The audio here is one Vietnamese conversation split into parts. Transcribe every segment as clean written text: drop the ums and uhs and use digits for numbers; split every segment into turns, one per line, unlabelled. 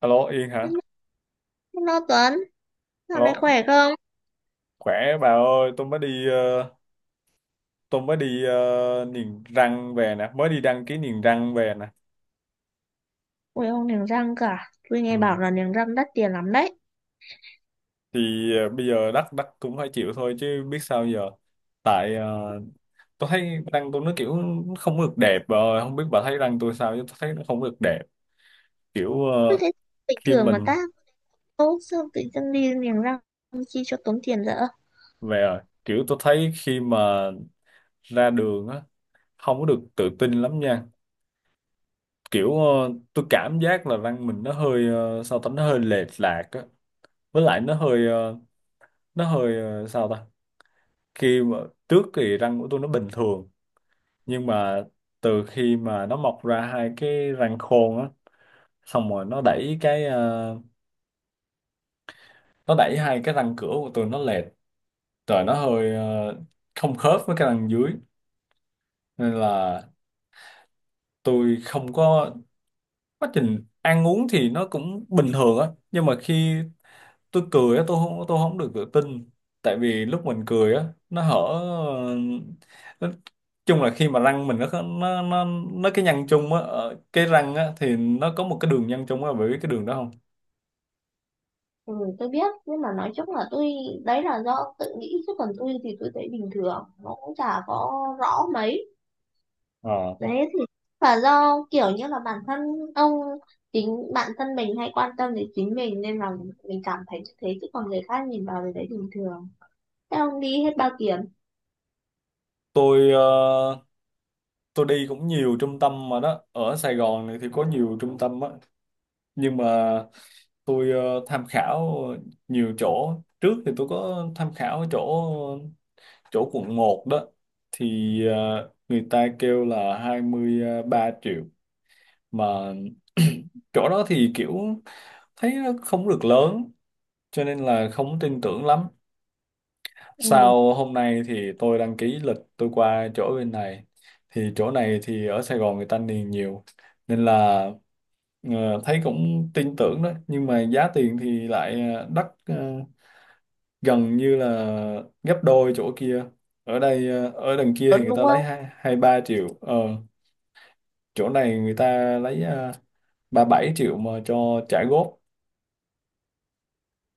Alo Yên hả?
Hello Tuấn, dạo này
Alo,
khỏe không?
khỏe bà ơi, tôi mới đi niềng răng về nè, mới đi đăng ký niềng răng về nè.
Ui ông niềng răng cả, tôi nghe
Ừ.
bảo là niềng răng đắt tiền lắm đấy.
Thì bây giờ đắt đắt cũng phải chịu thôi chứ biết sao giờ. Tại tôi thấy răng tôi nó kiểu không được đẹp bà ơi, không biết bà thấy răng tôi sao chứ tôi thấy nó không được đẹp. Kiểu
Tôi thấy bình
khi
thường mà
mình
ta, ô sao tự dưng đi niềng răng chi cho tốn tiền dở?
về kiểu tôi thấy khi mà ra đường á không có được tự tin lắm nha. Kiểu tôi cảm giác là văn mình nó hơi sao ta nó hơi lệch lạc á, với lại nó hơi sao ta khi mà trước thì răng của tôi nó bình thường, nhưng mà từ khi mà nó mọc ra hai cái răng khôn á, xong rồi nó đẩy hai cái răng cửa của tôi nó lệch, rồi nó hơi không khớp với cái răng dưới, nên là tôi không có, quá trình ăn uống thì nó cũng bình thường á, nhưng mà khi tôi cười á tôi không được tự tin, tại vì lúc mình cười á nó hở, nó, chung là khi mà răng mình nó cái nhăn chung á ở cái răng á, thì nó có một cái đường nhăn chung á, bởi biết cái đường đó không?
Ừ, tôi biết nhưng mà nói chung là tôi, đấy là do tự nghĩ chứ còn tôi thì tôi thấy bình thường nó cũng chả có rõ mấy.
Ờ.
Đấy thì là do kiểu như là bản thân ông, chính bản thân mình hay quan tâm đến chính mình nên là mình cảm thấy như thế, chứ còn người khác nhìn vào thì thấy bình thường. Thế ông đi hết bao tiền?
tôi ờ, tôi đi cũng nhiều trung tâm mà đó, ở Sài Gòn này thì có nhiều trung tâm á, nhưng mà tôi tham khảo nhiều chỗ, trước thì tôi có tham khảo chỗ chỗ quận một đó, thì người ta kêu là hai mươi ba triệu mà chỗ đó thì kiểu thấy nó không được lớn, cho nên là không tin tưởng lắm.
Ừ,
Sau hôm nay thì tôi đăng ký lịch tôi qua chỗ bên này, thì chỗ này thì ở Sài Gòn người ta niềng nhiều, nên là thấy cũng tin tưởng đó, nhưng mà giá tiền thì lại gần như là gấp đôi chỗ kia. Ở đằng kia
lớn
thì người
đúng
ta lấy
không?
hai hai ba triệu chỗ này người ta lấy 37 triệu mà cho trả góp.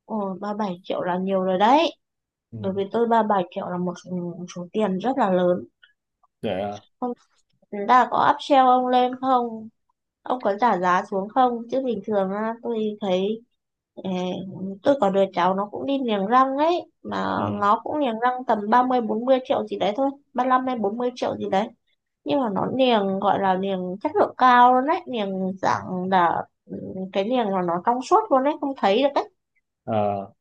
Ồ, 37 triệu là nhiều rồi đấy.
Ừ.
Đối với tôi 37 triệu là một số tiền rất là lớn.
Vậy à?
Không, là có upsell ông lên không? Ông có trả giá xuống không? Chứ bình thường á, tôi thấy ờ, tôi có đứa cháu nó cũng đi niềng răng ấy. Mà
Ừ.
nó cũng niềng răng tầm ba mươi bốn mươi triệu gì đấy thôi. 35 hay 40 triệu gì đấy. Nhưng mà nó niềng gọi là niềng chất lượng cao luôn đấy. Niềng dạng là cái niềng là nó trong suốt luôn đấy. Không thấy được đấy.
À,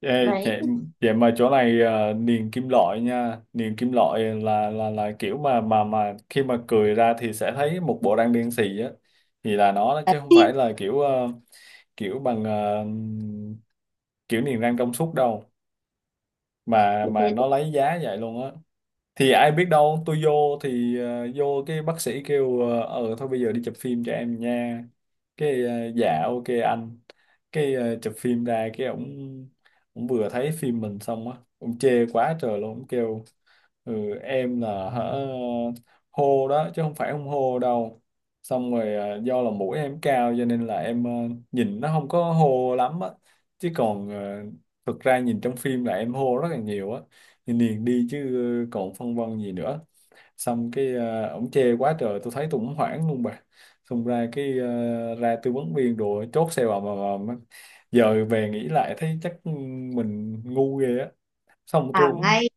ê,
Đấy,
vậy, vậy mà chỗ này niềng kim loại nha, niềng kim loại là kiểu mà khi mà cười ra thì sẽ thấy một bộ răng đen xì á, thì là nó đó, chứ không phải là kiểu kiểu bằng kiểu niềng răng trong suốt đâu,
thì thế
mà
tôi
nó lấy giá vậy luôn á. Thì ai biết đâu, tôi vô cái bác sĩ kêu "Ờ, thôi bây giờ đi chụp phim cho em nha", cái ờ, dạ ok anh, chụp phim ra cái ổng ổng vừa thấy phim mình xong á ổng chê quá trời luôn, ổng kêu ừ, em là hả hô đó chứ không phải không hô đâu, xong rồi do là mũi em cao cho nên là em nhìn nó không có hô lắm á, chứ còn thực ra nhìn trong phim là em hô rất là nhiều á, thì liền đi chứ còn phân vân gì nữa. Xong ổng chê quá trời tôi thấy tôi cũng hoảng luôn bà. Xong ra ra tư vấn viên đồ chốt xe vào mà, mà, mà giờ về nghĩ lại thấy chắc mình ngu ghê á. xong tôi
làm
cũng
ngay.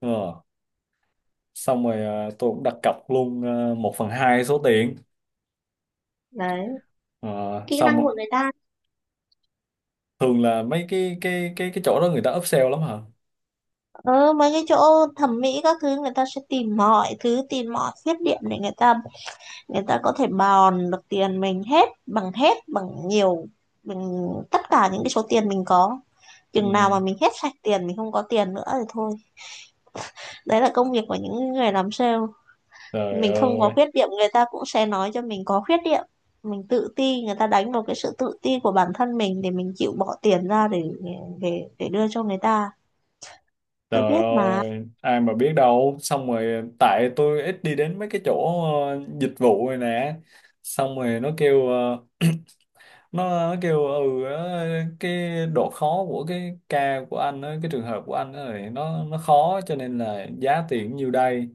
ờ, Xong rồi tôi cũng đặt cọc luôn, một phần hai số tiền.
Đấy
Ờ,
kỹ năng của
xong
người ta,
thường là mấy cái chỗ đó người ta upsell lắm hả?
ờ, mấy cái chỗ thẩm mỹ các thứ người ta sẽ tìm mọi thứ, tìm mọi khuyết điểm để người ta, người ta có thể bòn được tiền mình hết, bằng hết, bằng nhiều, bằng tất cả những cái số tiền mình có. Chừng nào
Ừ.
mà mình hết sạch tiền, mình không có tiền nữa thì thôi. Đấy là công việc của những người làm sale.
Trời
Mình không có
ơi.
khuyết điểm người ta cũng sẽ nói cho mình có khuyết điểm, mình tự ti người ta đánh vào cái sự tự ti của bản thân mình để mình chịu bỏ tiền ra để đưa cho người ta. Tôi
Trời
biết mà.
ơi, ai mà biết đâu. Xong rồi tại tôi ít đi đến mấy cái chỗ dịch vụ rồi nè. Xong rồi nó kêu cái độ khó của cái ca của anh á, cái trường hợp của anh á thì nó khó cho nên là giá tiền nhiêu đây.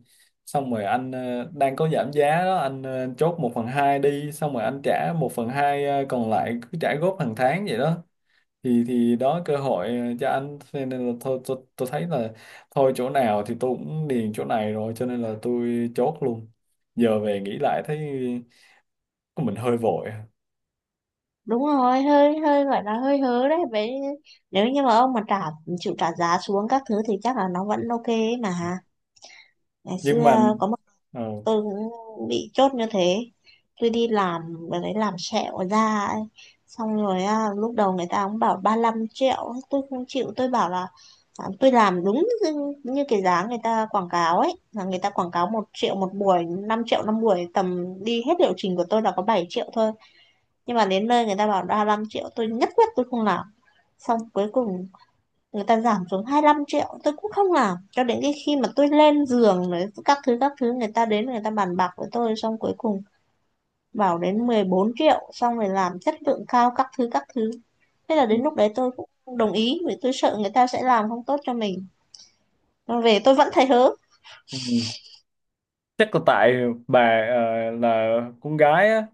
Xong rồi anh đang có giảm giá đó, anh chốt một phần 2 đi, xong rồi anh trả một phần 2 còn lại cứ trả góp hàng tháng vậy đó, thì đó cơ hội cho anh. Thế nên là thôi tôi thấy là thôi chỗ nào thì tôi cũng điền chỗ này rồi cho nên là tôi chốt luôn. Giờ về nghĩ lại thấy mình hơi vội,
Đúng rồi, hơi hơi gọi là hơi hớ đấy. Vậy nếu như mà ông mà trả, chịu trả giá xuống các thứ thì chắc là nó vẫn ok ấy mà. Ngày
nhưng mà
xưa có một tôi cũng bị chốt như thế. Tôi đi làm và lấy làm sẹo da ấy. Xong rồi lúc đầu người ta cũng bảo 35 triệu tôi không chịu, tôi bảo là tôi làm đúng như cái giá người ta quảng cáo ấy, là người ta quảng cáo 1 triệu một buổi, 5 triệu năm buổi, tầm đi hết liệu trình của tôi là có 7 triệu thôi. Nhưng mà đến nơi người ta bảo 35 triệu tôi nhất quyết tôi không làm. Xong cuối cùng người ta giảm xuống 25 triệu tôi cũng không làm, cho đến cái khi mà tôi lên giường đấy các thứ các thứ, người ta đến người ta bàn bạc với tôi, xong cuối cùng bảo đến 14 triệu xong rồi làm chất lượng cao các thứ các thứ. Thế là đến lúc đấy tôi cũng đồng ý vì tôi sợ người ta sẽ làm không tốt cho mình. Mà về tôi vẫn thấy hớ.
ờ, chắc là tại bà là con gái á,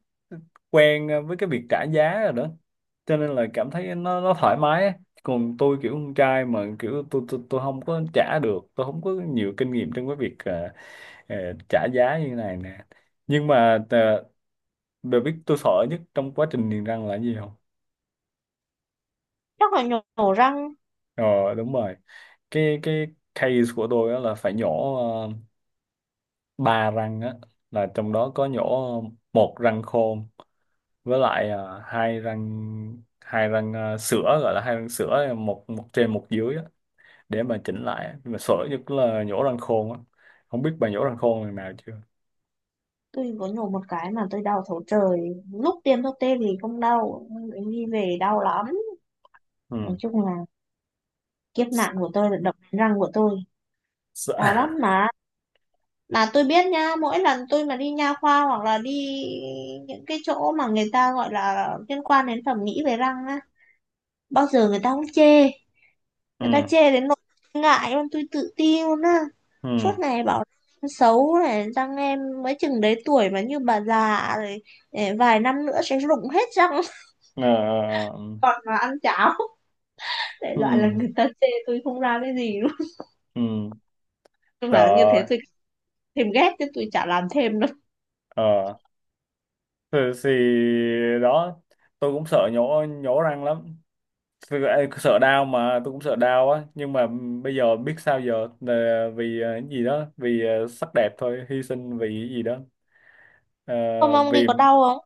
quen với cái việc trả giá rồi đó, cho nên là cảm thấy nó thoải mái á. Còn tôi kiểu con trai mà kiểu tôi không có trả được, tôi không có nhiều kinh nghiệm trong cái việc ờ, trả giá như này nè. Nhưng mà bà biết tôi sợ nhất trong quá trình niềng răng là cái gì không?
Chắc là nhổ răng?
Ờ, đúng rồi. Cái case của tôi á là phải nhổ ba răng á, là trong đó có nhổ một răng khôn, với lại à, hai răng à, sữa, gọi là hai răng sữa, một một trên một dưới á, để mà chỉnh lại á. Nhưng mà sợ nhất là nhổ răng khôn á, không biết bà nhổ răng khôn lần nào chưa.
Tôi có nhổ một cái mà tôi đau thấu trời, lúc tiêm thuốc tê thì không đau nhưng đi về đau lắm. Nói
Ừ.
chung là kiếp nạn của tôi là đập răng của tôi, đau
Sợ.
lắm mà. Mà tôi biết nha, mỗi lần tôi mà đi nha khoa hoặc là đi những cái chỗ mà người ta gọi là liên quan đến thẩm mỹ về răng á, bao giờ người ta cũng chê. Người ta
Ừ,
chê đến nỗi ngại luôn, tôi tự ti luôn á.
ừ.
Suốt ngày bảo em xấu này, răng em mới chừng đấy tuổi mà như bà già rồi, vài năm nữa sẽ rụng hết răng
Ờ, ờ, ờ.
còn mà ăn cháo, đại
Ừ,
loại là
ừ.
người ta chê tôi không ra cái gì luôn.
Ừ.
Nhưng mà như
Trời.
thế tôi thêm ghét chứ tôi chả làm thêm đâu.
Ờ. Ừ, thì đó, tôi cũng sợ nhổ nhổ răng lắm. Thực ê, sợ đau mà tôi cũng sợ đau á, nhưng mà bây giờ biết sao giờ, là vì cái gì đó, vì sắc đẹp thôi, hy sinh vì cái gì đó. Ờ,
Không ông đi
vì
có đau không?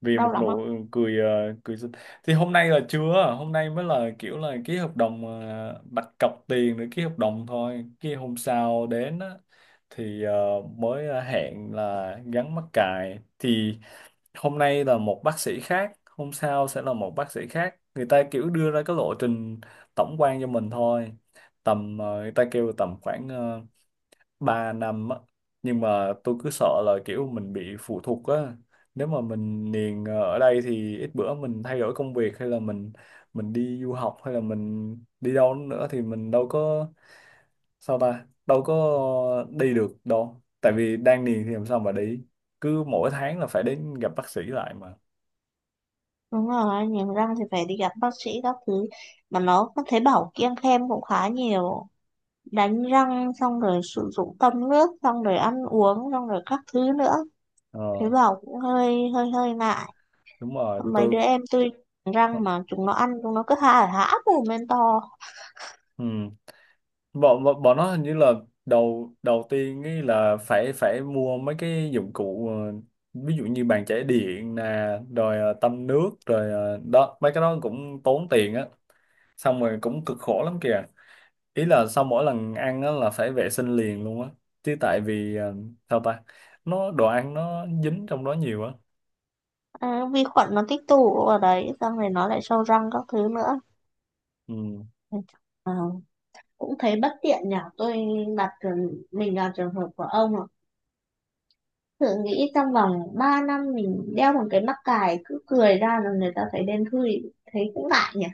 vì một
Đau lắm
nụ
không?
cười cười xinh. Thì hôm nay là chưa, hôm nay mới là kiểu là ký hợp đồng đặt cọc tiền để ký hợp đồng thôi, cái hôm sau đến á, thì hẹn là gắn mắc cài, thì hôm nay là một bác sĩ khác, hôm sau sẽ là một bác sĩ khác, người ta kiểu đưa ra cái lộ trình tổng quan cho mình thôi, tầm người ta kêu tầm khoảng 3 năm á. Nhưng mà tôi cứ sợ là kiểu mình bị phụ thuộc á, nếu mà mình niềng ở đây thì ít bữa mình thay đổi công việc hay là mình đi du học hay là mình đi đâu nữa thì mình đâu có, sao ta đâu có đi được đâu, tại vì đang niềng thì làm sao mà đi, cứ mỗi tháng là phải đến gặp bác sĩ lại mà.
Đúng rồi, niềng răng thì phải đi gặp bác sĩ các thứ. Mà nó có thấy bảo kiêng khem cũng khá nhiều. Đánh răng xong rồi sử dụng tăm nước, xong rồi ăn uống, xong rồi các thứ nữa. Thế
Ờ,
bảo cũng hơi hơi hơi ngại.
đúng rồi.
Mấy
Tôi.
đứa em tôi, răng mà chúng nó ăn chúng nó cứ há há mồm lên to.
Ừ. bọn bọn bọn nó hình như là đầu đầu tiên ấy là phải phải mua mấy cái dụng cụ ví dụ như bàn chải điện nè, rồi tăm nước, rồi đó mấy cái đó cũng tốn tiền á, xong rồi cũng cực khổ lắm kìa, ý là sau mỗi lần ăn á là phải vệ sinh liền luôn á, chứ tại vì sao ta nó đồ ăn nó dính trong đó nhiều á.
À, vi khuẩn nó tích tụ ở đấy xong rồi nó lại sâu răng các thứ nữa.
Ừ,
Ờ, cũng thấy bất tiện nhỉ. Tôi đặt mình là trường hợp của ông, thử nghĩ trong vòng 3 năm mình đeo một cái mắc cài cứ cười ra là người ta thấy đen thui, thấy cũng ngại nhỉ.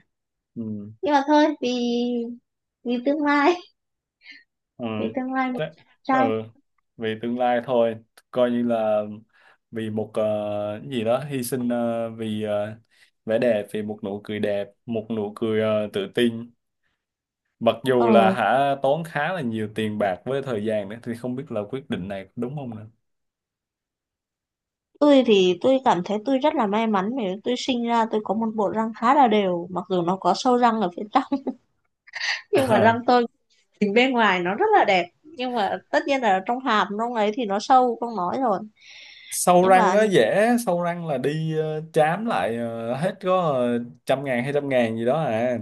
ừ.
Nhưng mà thôi, vì vì tương lai,
Ừ.
vì tương lai một
Chắc. Ừ.
chàng trai.
Vì tương lai thôi, coi như là vì một cái gì đó, hy sinh vì vẻ đẹp, vì một nụ cười đẹp, một nụ cười tự tin. Mặc
Ờ,
dù là hả, tốn khá là nhiều tiền bạc với thời gian nữa, thì không biết là quyết định này đúng không nữa.
tôi thì tôi cảm thấy tôi rất là may mắn vì tôi sinh ra tôi có một bộ răng khá là đều, mặc dù nó có sâu răng ở phía trong, nhưng mà
Ờ,
răng tôi nhìn bên ngoài nó rất là đẹp. Nhưng mà tất nhiên là trong hàm trong ấy thì nó sâu không nói rồi.
sâu
Nhưng
răng
mà
nó
nhìn-
dễ, sâu răng là đi chám lại, hết có trăm ngàn hay trăm ngàn gì đó à.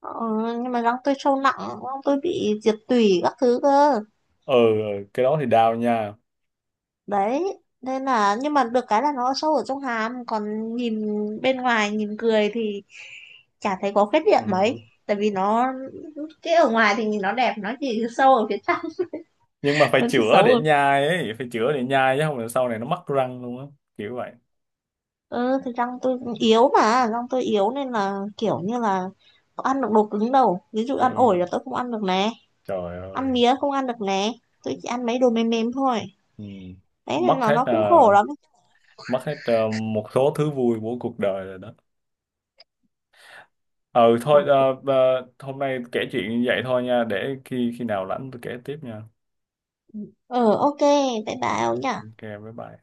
ờ, nhưng mà răng tôi sâu nặng, răng tôi bị diệt tủy các thứ cơ.
Ừ, ừ, cái đó thì đau nha.
Đấy nên là, nhưng mà được cái là nó sâu ở trong hàm còn nhìn bên ngoài nhìn cười thì chả thấy có khuyết điểm mấy,
Ừ.
tại vì nó cái ở ngoài thì nhìn nó đẹp, nó chỉ sâu ở phía trong.
Nhưng mà phải
Nó chỉ
chữa
xấu
để
ở,
nhai ấy, phải chữa để nhai chứ không là sau này nó mất răng luôn á, kiểu vậy.
ừ thì răng tôi yếu, mà răng tôi yếu nên là kiểu như là không ăn được đồ cứng đâu, ví dụ
Ừ,
ăn ổi
ừ.
là tôi không ăn được nè,
Trời
ăn
ơi.
mía không ăn được nè, tôi chỉ ăn mấy đồ mềm mềm thôi.
Ừ.
Đấy nên
mất
là
hết
nó
ờ,
cũng khổ lắm.
Mất hết một số thứ vui của cuộc đời rồi đó. Ừ, thôi, hôm nay kể chuyện như vậy thôi nha, để khi khi nào rảnh tôi kể tiếp nha.
Ừ, ok, bye
Ờ,
bye ông nhỉ.
ok bye bye.